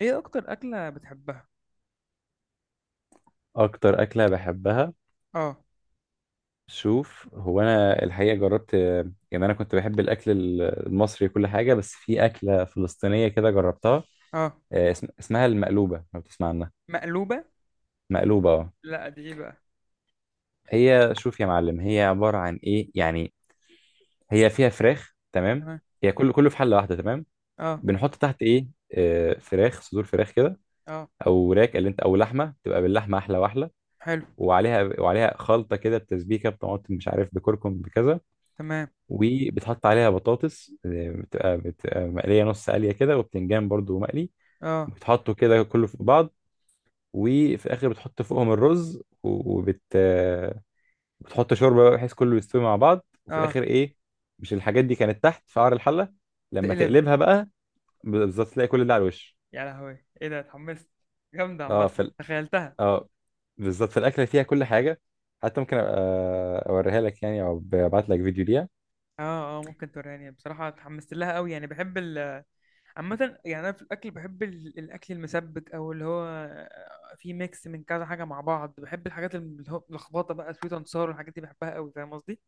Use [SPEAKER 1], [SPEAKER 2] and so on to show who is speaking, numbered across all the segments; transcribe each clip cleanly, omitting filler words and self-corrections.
[SPEAKER 1] ايه اكتر اكله بتحبها؟
[SPEAKER 2] اكتر اكله بحبها،
[SPEAKER 1] اه.
[SPEAKER 2] شوف هو انا الحقيقه جربت. يعني انا كنت بحب الاكل ال- المصري كل حاجه، بس في اكله فلسطينيه كده جربتها.
[SPEAKER 1] اه.
[SPEAKER 2] اسمها المقلوبه، لو تسمع عنها.
[SPEAKER 1] مقلوبه.
[SPEAKER 2] مقلوبه، اه.
[SPEAKER 1] لا، دي ايه بقى؟
[SPEAKER 2] هي شوف يا معلم، هي عباره عن ايه يعني. هي فيها فراخ، تمام؟
[SPEAKER 1] تمام.
[SPEAKER 2] هي كله في حله واحده، تمام.
[SPEAKER 1] اه.
[SPEAKER 2] بنحط تحت ايه؟ فراخ، صدور فراخ كده،
[SPEAKER 1] اه.
[SPEAKER 2] او راك اللي انت، او لحمه تبقى باللحمه احلى واحلى.
[SPEAKER 1] حلو.
[SPEAKER 2] وعليها خلطه كده، بتسبيكه بطماطم، مش عارف بكركم بكذا.
[SPEAKER 1] تمام.
[SPEAKER 2] وبتحط عليها بطاطس، بتبقى مقليه نص قليه كده، وبتنجان برضو مقلي.
[SPEAKER 1] اه.
[SPEAKER 2] بتحطه كده كله في بعض، وفي الاخر بتحط فوقهم الرز. و- وبت آه، بتحط شوربه بقى، بحيث كله يستوي مع بعض، وفي
[SPEAKER 1] اه.
[SPEAKER 2] الاخر ايه؟ مش الحاجات دي كانت تحت في قعر الحله، لما
[SPEAKER 1] تقلبها.
[SPEAKER 2] تقلبها بقى، بالظبط تلاقي كل ده على الوش.
[SPEAKER 1] يا لهوي، ايه ده، اتحمست. جامده،
[SPEAKER 2] اه
[SPEAKER 1] عامه
[SPEAKER 2] في ال-
[SPEAKER 1] تخيلتها.
[SPEAKER 2] اه بالظبط، في الاكله فيها كل حاجه. حتى ممكن ابقى اوريها لك يعني، او ابعت لك فيديو ليها.
[SPEAKER 1] اه. اه، ممكن توريني، بصراحه اتحمست لها قوي، يعني بحب ال عامه، يعني انا في الاكل بحب الاكل المسبك او اللي هو فيه ميكس من كذا حاجه مع بعض. بحب الحاجات اللي هو لخبطه بقى، سويت اند والحاجات دي بحبها قوي. فاهم قصدي؟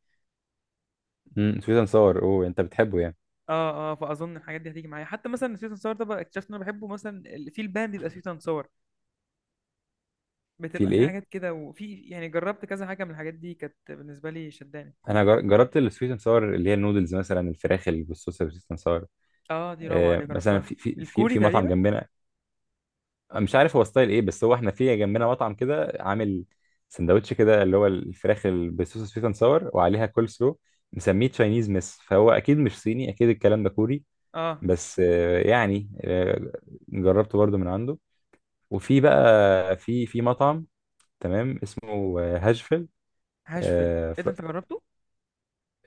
[SPEAKER 2] سويت اند صور، اوه انت بتحبه يعني.
[SPEAKER 1] اه. اه، فاظن الحاجات دي هتيجي معايا. حتى مثلا سويت اند ساور ده بقى اكتشفت ان انا بحبه. مثلا في البان بيبقى سويت اند ساور.
[SPEAKER 2] في
[SPEAKER 1] بتبقى في
[SPEAKER 2] الايه،
[SPEAKER 1] حاجات كده، وفي يعني جربت كذا حاجه من الحاجات دي كانت بالنسبه لي شداني.
[SPEAKER 2] جربت السويت اند ساور اللي هي النودلز، مثلا الفراخ اللي بالصوص السويت اند ساور.
[SPEAKER 1] اه، دي روعه، دي
[SPEAKER 2] مثلا
[SPEAKER 1] جربتها.
[SPEAKER 2] في في في
[SPEAKER 1] الكوري
[SPEAKER 2] في مطعم
[SPEAKER 1] تقريبا.
[SPEAKER 2] جنبنا، مش عارف هو ستايل ايه، بس هو احنا في جنبنا مطعم كده عامل سندوتش كده، اللي هو الفراخ اللي بالصوص السويت اند ساور وعليها كول سلو. مسميه تشاينيز مس، فهو اكيد مش صيني، اكيد الكلام ده كوري.
[SPEAKER 1] اه.
[SPEAKER 2] بس آه، يعني آه، جربته برضو من عنده. وفي بقى في مطعم تمام، اسمه هاشفيل.
[SPEAKER 1] هاشفل،
[SPEAKER 2] آه،
[SPEAKER 1] ايه
[SPEAKER 2] ف...
[SPEAKER 1] ده، انت جربته؟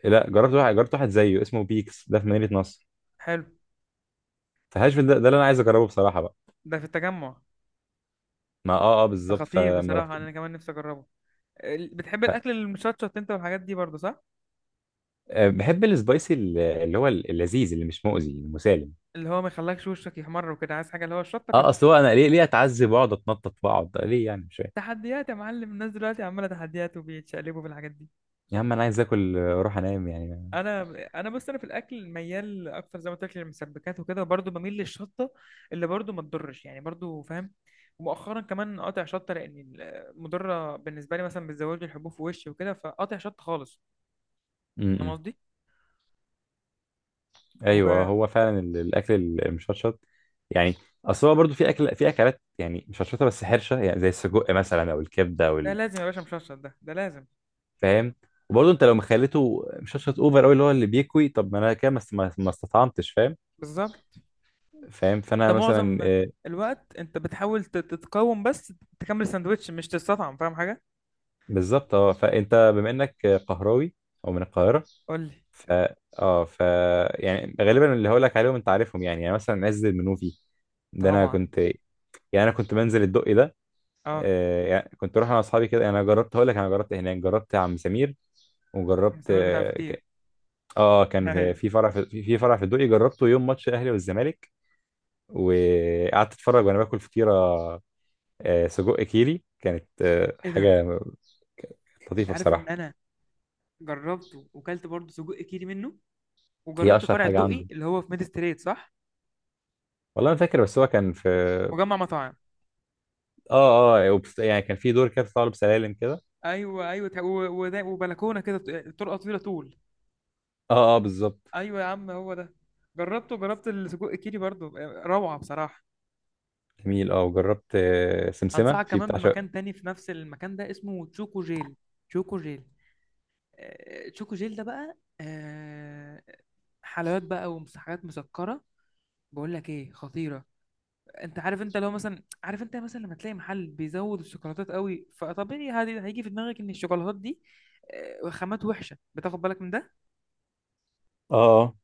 [SPEAKER 2] لا، جربت واحد زيه اسمه بيكس، ده في مدينة نصر.
[SPEAKER 1] حلو.
[SPEAKER 2] فهاشفيل ده اللي انا عايز اجربه بصراحه بقى.
[SPEAKER 1] ده في التجمع؟
[SPEAKER 2] ما اه اه
[SPEAKER 1] ده
[SPEAKER 2] بالظبط،
[SPEAKER 1] خطير
[SPEAKER 2] فما رحت.
[SPEAKER 1] بصراحه، انا كمان نفسي اجربه. بتحب
[SPEAKER 2] ف-
[SPEAKER 1] الاكل المشطشط انت والحاجات دي برضه، صح؟
[SPEAKER 2] بحب السبايسي اللذيذ اللي مش مؤذي، المسالم.
[SPEAKER 1] اللي هو ما يخلكش وشك يحمر وكده، عايز حاجه اللي هو الشطه
[SPEAKER 2] اه
[SPEAKER 1] قطع.
[SPEAKER 2] اصل هو انا ليه اتعذب واقعد اتنطط واقعد ليه يعني، مش فاهم.
[SPEAKER 1] تحديات يا معلم، الناس دلوقتي عماله تحديات وبيتشقلبوا في الحاجات دي.
[SPEAKER 2] يا عم انا عايز اكل واروح انام يعني.
[SPEAKER 1] انا انا بس انا في الاكل ميال اكتر زي ما قلت لك للمسبكات وكده، وبرضه بميل للشطه اللي برضه ما تضرش، يعني برضه، فاهم. ومؤخرا كمان قاطع شطه، لان مضره بالنسبه لي، مثلا بتزود لي الحبوب في وشي وكده، فقاطع شطه خالص. فاهم
[SPEAKER 2] امم
[SPEAKER 1] قصدي؟
[SPEAKER 2] ايوه
[SPEAKER 1] وده
[SPEAKER 2] هو فعلا الاكل المشطشط يعني. اصل هو برضه في اكل، في اكلات يعني مشطشطه بس حرشه، يعني زي السجق مثلا، او الكبده، او ال-.
[SPEAKER 1] لازم يا باشا، مشطشط ده، ده لازم.
[SPEAKER 2] فاهم. وبرضه انت لو مخليته مشطشط اوفر قوي، اللي هو اللي بيكوي، طب ما انا كده ما استطعمتش، فاهم؟
[SPEAKER 1] بالظبط.
[SPEAKER 2] فاهم.
[SPEAKER 1] انت
[SPEAKER 2] فانا مثلا
[SPEAKER 1] معظم الوقت انت بتحاول تتقاوم بس تكمل الساندوتش، مش تستطعم. فاهم حاجه؟
[SPEAKER 2] بالظبط. اه فانت بما انك قهراوي، او من القاهره.
[SPEAKER 1] قول لي.
[SPEAKER 2] ف اه ف يعني غالبا اللي هقول لك عليهم انت عارفهم يعني، مثلا عز المنوفي، ده انا
[SPEAKER 1] طبعا.
[SPEAKER 2] كنت يعني، انا كنت بنزل الدقي ده.
[SPEAKER 1] اه.
[SPEAKER 2] يعني كنت اروح انا واصحابي كده. انا جربت، هقول لك، انا جربت هناك، جربت عم سمير. وجربت
[SPEAKER 1] سمير بتاع
[SPEAKER 2] اه
[SPEAKER 1] الفطير؟
[SPEAKER 2] ك- آه، آه، كان
[SPEAKER 1] ايوه.
[SPEAKER 2] في فرع في في فرع في الدقي، جربته يوم ماتش الاهلي والزمالك. وقعدت اتفرج وانا باكل فطيره آه سجق كيري، كانت آه
[SPEAKER 1] ايه ده.
[SPEAKER 2] حاجه
[SPEAKER 1] انت
[SPEAKER 2] لطيفه
[SPEAKER 1] عارف ان
[SPEAKER 2] بصراحه.
[SPEAKER 1] انا جربته وكلت برضه سجق كيري منه،
[SPEAKER 2] هي
[SPEAKER 1] وجربت
[SPEAKER 2] اشهر
[SPEAKER 1] فرع
[SPEAKER 2] حاجه
[SPEAKER 1] الدقي
[SPEAKER 2] عنده.
[SPEAKER 1] اللي هو في ميد ستريت، صح؟
[SPEAKER 2] والله ما فاكر، بس هو كان في،
[SPEAKER 1] مجمع مطاعم.
[SPEAKER 2] يعني كان في دور كده بتطلع له بسلالم كده.
[SPEAKER 1] ايوه ايوه، وبلكونه كده، طرقه طويله طول.
[SPEAKER 2] اه بالظبط.
[SPEAKER 1] ايوه يا عم، هو ده. جربته، جربت السجق كيري برضه، روعه بصراحه.
[SPEAKER 2] جميل. اه وجربت سمسمه
[SPEAKER 1] انصحك
[SPEAKER 2] في
[SPEAKER 1] كمان
[SPEAKER 2] بتاع شا....
[SPEAKER 1] بمكان تاني في نفس المكان ده، اسمه تشوكو جيل. تشوكو جيل. تشوكو جيل ده بقى، حلويات بقى ومسحات مسكره. بقول لك ايه، خطيره. انت عارف، انت لو مثلا عارف، انت مثلا لما تلاقي محل بيزود الشوكولاتات قوي، فطبيعي هذه هيجي في دماغك ان الشوكولاتات دي وخامات وحشه، بتاخد بالك من ده.
[SPEAKER 2] اه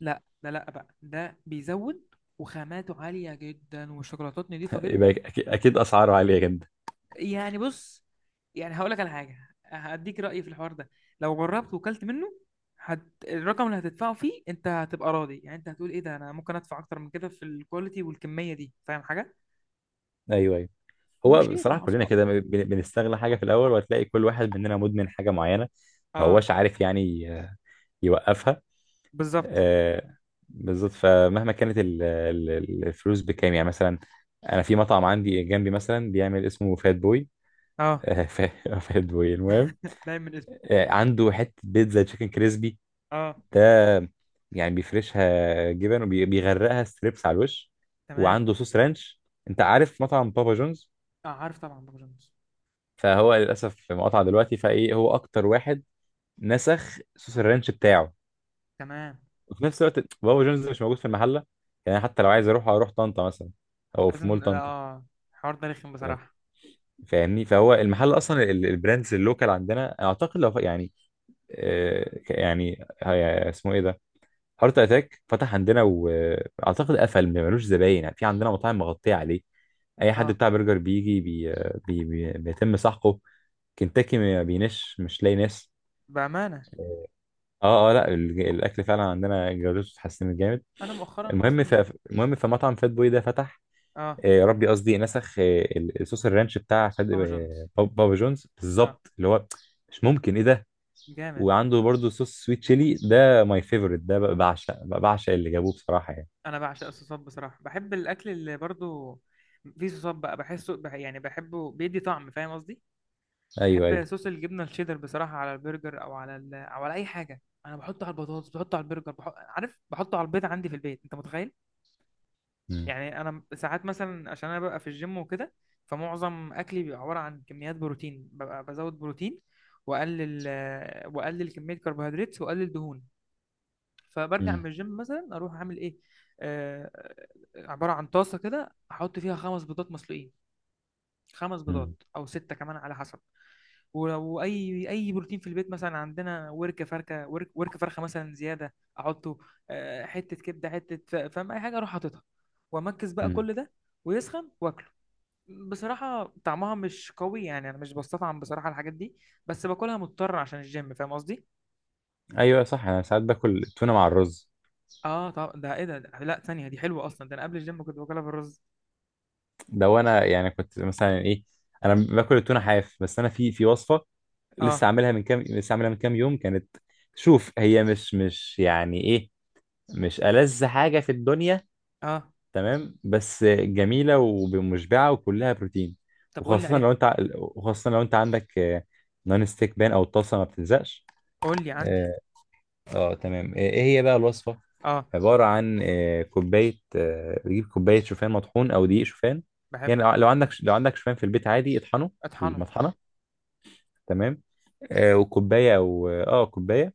[SPEAKER 1] لا، ده لا بقى، ده بيزود وخاماته عاليه جدا والشوكولاتات نضيفه
[SPEAKER 2] اه يبقى
[SPEAKER 1] جدا.
[SPEAKER 2] اكيد اسعاره عاليه جدا.
[SPEAKER 1] يعني بص، يعني هقول لك على حاجه، هديك رايي في الحوار ده. لو جربت وكلت منه هت... الرقم اللي هتدفعه فيه، انت هتبقى راضي. يعني انت هتقول ايه ده، انا ممكن ادفع اكتر من كده في الكواليتي والكميه دي. فاهم حاجه؟
[SPEAKER 2] ايوه ايوه. هو
[SPEAKER 1] وشير
[SPEAKER 2] بصراحه
[SPEAKER 1] مع
[SPEAKER 2] كلنا
[SPEAKER 1] اصحابك.
[SPEAKER 2] كده بنستغل حاجه في الاول، وهتلاقي كل واحد مننا مدمن حاجه معينه، ما
[SPEAKER 1] اه،
[SPEAKER 2] هوش عارف يعني يوقفها.
[SPEAKER 1] بالظبط.
[SPEAKER 2] آه بالظبط. فمهما كانت الفلوس بكام يعني، مثلا انا في مطعم عندي جنبي مثلا بيعمل، اسمه فات بوي.
[SPEAKER 1] اه.
[SPEAKER 2] فات بوي، المهم،
[SPEAKER 1] باين من اسمه.
[SPEAKER 2] عنده حته بيتزا تشيكن كريسبي
[SPEAKER 1] اه.
[SPEAKER 2] ده، يعني بيفرشها جبن وبيغرقها ستريبس على الوش.
[SPEAKER 1] تمام.
[SPEAKER 2] وعنده صوص رانش. انت عارف مطعم بابا جونز؟
[SPEAKER 1] اه، عارف طبعا بابا جونز.
[SPEAKER 2] فهو للاسف مقطع دلوقتي، فايه، هو اكتر واحد نسخ صوص الرانش بتاعه.
[SPEAKER 1] تمام.
[SPEAKER 2] وفي نفس الوقت بابا جونز مش موجود في المحله، يعني حتى لو عايز اروح، اروح طنطا مثلا، او في
[SPEAKER 1] لازم.
[SPEAKER 2] مول طنطا.
[SPEAKER 1] اه، الحوار ده رخم
[SPEAKER 2] فا-
[SPEAKER 1] بصراحة.
[SPEAKER 2] فاهمني؟ فهو المحل اصلا، البراندز اللوكال عندنا، اعتقد لو يعني يعني اسمه ايه ده، هارت اتاك، فتح عندنا واعتقد قفل، ما ملوش زباين. يعني في عندنا مطاعم مغطيه عليه. اي حد
[SPEAKER 1] اه.
[SPEAKER 2] بتاع برجر بيجي بيتم سحقه. كنتاكي ما بينش، مش لاقي ناس.
[SPEAKER 1] بأمانة.
[SPEAKER 2] اه اه، لا الاكل فعلا عندنا جودته اتحسنت جامد.
[SPEAKER 1] أنا مؤخرا
[SPEAKER 2] المهم ف...
[SPEAKER 1] أصلا.
[SPEAKER 2] المهم فمطعم فات بوي ده فتح،
[SPEAKER 1] اه،
[SPEAKER 2] يا ربي قصدي نسخ الصوص الرانش بتاع
[SPEAKER 1] بابا جونز.
[SPEAKER 2] بابا جونز
[SPEAKER 1] اه.
[SPEAKER 2] بالظبط، اللي هو، مش ممكن ايه ده.
[SPEAKER 1] جامد.
[SPEAKER 2] وعنده برضو صوص سويت شيلي ده، ماي فيفورت ده، بعشق، بعشق اللي جابوه بصراحه يعني.
[SPEAKER 1] أنا بعشق الصوصات بصراحة، بحب الأكل اللي برضو فيه صوصات بقى، بحسه يعني بحبه بيدي طعم. فاهم قصدي؟
[SPEAKER 2] ايوه ايوه.
[SPEAKER 1] بحب صوص الجبنة الشيدر بصراحة، على البرجر أو على أو على أي حاجة. أنا بحطه على البطاطس، بحطه على البرجر، عارف، بحطه على البيض عندي في البيت. أنت متخيل؟
[SPEAKER 2] مم.
[SPEAKER 1] يعني انا ساعات مثلا، عشان انا ببقى في الجيم وكده، فمعظم اكلي بيبقى عباره عن كميات بروتين، ببقى بزود بروتين واقلل، واقلل كميه كربوهيدرات واقلل دهون. فبرجع
[SPEAKER 2] مم.
[SPEAKER 1] من الجيم مثلا، اروح اعمل ايه، آه، عباره عن طاسه كده، احط فيها خمس بيضات مسلوقين. خمس
[SPEAKER 2] مم.
[SPEAKER 1] بيضات او سته كمان، على حسب. ولو اي اي بروتين في البيت، مثلا عندنا ورك فرخه مثلا زياده، احطه. حته كبده، حته، فاهم، اي حاجه اروح حاططها، وامكس بقى
[SPEAKER 2] مم.
[SPEAKER 1] كل ده ويسخن واكله. بصراحه طعمها مش قوي، يعني انا مش بستطعم بصراحه الحاجات دي، بس باكلها مضطر عشان الجيم. فاهم قصدي؟
[SPEAKER 2] ايوه صح، انا ساعات باكل التونه مع الرز.
[SPEAKER 1] اه، طب ده ايه ده، ده لا، ثانيه دي حلوه اصلا، ده انا قبل الجيم كنت باكلها بالرز.
[SPEAKER 2] ده وانا يعني كنت مثلا ايه، انا باكل التونه حاف، بس انا في في وصفه
[SPEAKER 1] اه.
[SPEAKER 2] لسه عاملها من كام، لسه عاملها من كام يوم، كانت، شوف هي مش مش يعني ايه، مش ألذ حاجه في الدنيا،
[SPEAKER 1] اه.
[SPEAKER 2] تمام، بس جميله ومشبعه وكلها بروتين.
[SPEAKER 1] طب قول لي
[SPEAKER 2] وخاصه
[SPEAKER 1] عليها.
[SPEAKER 2] لو انت وخاصه لو انت عندك نون ستيك بان، او الطاسه ما بتلزقش.
[SPEAKER 1] قول لي، عندي.
[SPEAKER 2] اه تمام. ايه إيه هي بقى الوصفه؟
[SPEAKER 1] اه.
[SPEAKER 2] عبارة عن آه، كوباية آه، بتجيب كوباية شوفان مطحون أو دقيق شوفان،
[SPEAKER 1] بحبه.
[SPEAKER 2] يعني لو عندك، لو عندك شوفان في البيت، عادي اطحنه في
[SPEAKER 1] اطحنه.
[SPEAKER 2] المطحنة، تمام. وكوباية، أو آه كوباية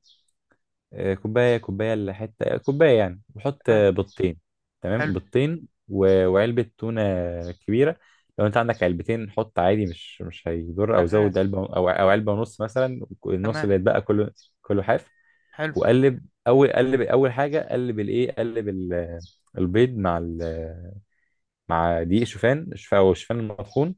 [SPEAKER 2] آه، كوباية كوباية لحتة كوباية يعني. وحط
[SPEAKER 1] تمام.
[SPEAKER 2] بيضتين. تمام،
[SPEAKER 1] حلو.
[SPEAKER 2] بيضتين وعلبة تونة كبيرة. لو أنت عندك علبتين حط، عادي مش مش هيضر، أو زود
[SPEAKER 1] شغال.
[SPEAKER 2] علبة، أو علبة ونص مثلا، النص اللي
[SPEAKER 1] تمام.
[SPEAKER 2] يتبقى كله، كله حاف.
[SPEAKER 1] حلو.
[SPEAKER 2] وقلب اول قلب اول حاجه، قلب الايه، قلب البيض مع مع دقيق شوفان، شوفان او شوفان المطحون.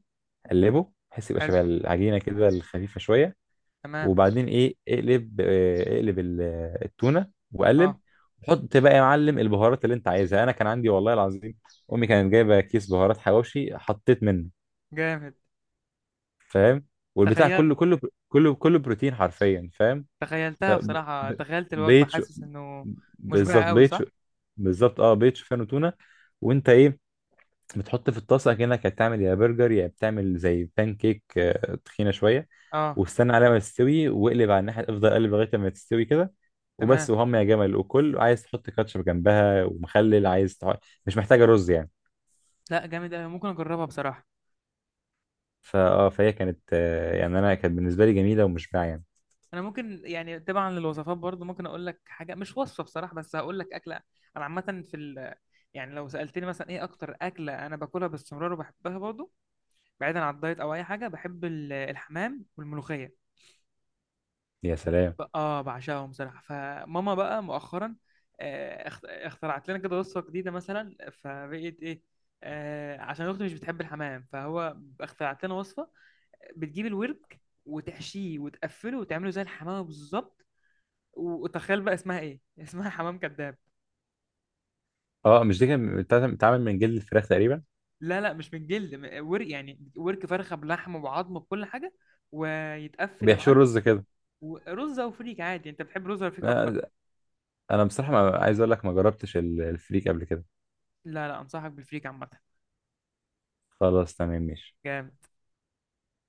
[SPEAKER 2] قلبه بحيث يبقى
[SPEAKER 1] حلو.
[SPEAKER 2] شبه العجينه كده الخفيفه شويه.
[SPEAKER 1] تمام.
[SPEAKER 2] وبعدين ايه، اقلب التونه وقلب.
[SPEAKER 1] اه.
[SPEAKER 2] حط بقى يا معلم البهارات اللي انت عايزها. انا كان عندي والله العظيم امي كانت جايبه كيس بهارات حواوشي، حطيت منه.
[SPEAKER 1] جامد.
[SPEAKER 2] فاهم. والبتاع
[SPEAKER 1] تخيلت.
[SPEAKER 2] كله، كله بروتين حرفيا، فاهم. ف
[SPEAKER 1] تخيلتها
[SPEAKER 2] ب-
[SPEAKER 1] بصراحة، تخيلت الوجبة.
[SPEAKER 2] بقيت شو-
[SPEAKER 1] حاسس انه
[SPEAKER 2] بالظبط
[SPEAKER 1] مشبع قوي،
[SPEAKER 2] بقيت
[SPEAKER 1] صح؟
[SPEAKER 2] شو- بالظبط اه، بقيت شوفان وتونه. وانت ايه، بتحط في الطاسه كانك هتعمل يا برجر، يا بتعمل زي بان كيك تخينه شويه.
[SPEAKER 1] اه.
[SPEAKER 2] واستنى عليها ما تستوي، واقلب على الناحيه، افضل اقلب لغايه ما تستوي كده.
[SPEAKER 1] تمام.
[SPEAKER 2] وبس، وهم يا جمل. وكل، عايز تحط كاتشب جنبها ومخلل، عايز تح.... مش محتاجه رز يعني.
[SPEAKER 1] لا، جامد قوي، ممكن اجربها بصراحة.
[SPEAKER 2] فهي كانت يعني انا كانت بالنسبه لي جميله ومشبعه يعني.
[SPEAKER 1] انا ممكن، يعني تبعا للوصفات برضو، ممكن اقول لك حاجة، مش وصفة بصراحة، بس هقول لك اكلة. انا عامة في ال... يعني لو سألتني مثلا ايه اكتر اكلة انا باكلها باستمرار وبحبها برضو، بعيدا عن الدايت او اي حاجة، بحب الحمام والملوخية.
[SPEAKER 2] يا سلام.
[SPEAKER 1] اه، بعشقهم بصراحه. فماما بقى مؤخرا اخترعت لنا كده وصفه جديده، مثلا فبقيت ايه، عشان اختي مش بتحب الحمام، فهو اخترعت لنا وصفه. بتجيب الورك وتحشيه وتقفله وتعمله زي الحمام بالظبط. وتخيل بقى اسمها ايه، اسمها حمام كذاب.
[SPEAKER 2] اه مش دي كانت بتتعمل من جلد الفراخ تقريبا؟
[SPEAKER 1] لا لا، مش من الجلد، ورك، يعني ورك فرخه بلحم وبعظم بكل حاجه، ويتقفل يا
[SPEAKER 2] وبيحشوا
[SPEAKER 1] معلم.
[SPEAKER 2] رز كده.
[SPEAKER 1] ورز او فريك، عادي، انت بتحب رز ولا فريك اكتر؟
[SPEAKER 2] آه، انا بصراحه ما عايز اقول لك، ما جربتش الفريك قبل كده.
[SPEAKER 1] لا لا، انصحك بالفريك عامه.
[SPEAKER 2] خلاص تمام، ماشي.
[SPEAKER 1] جامد.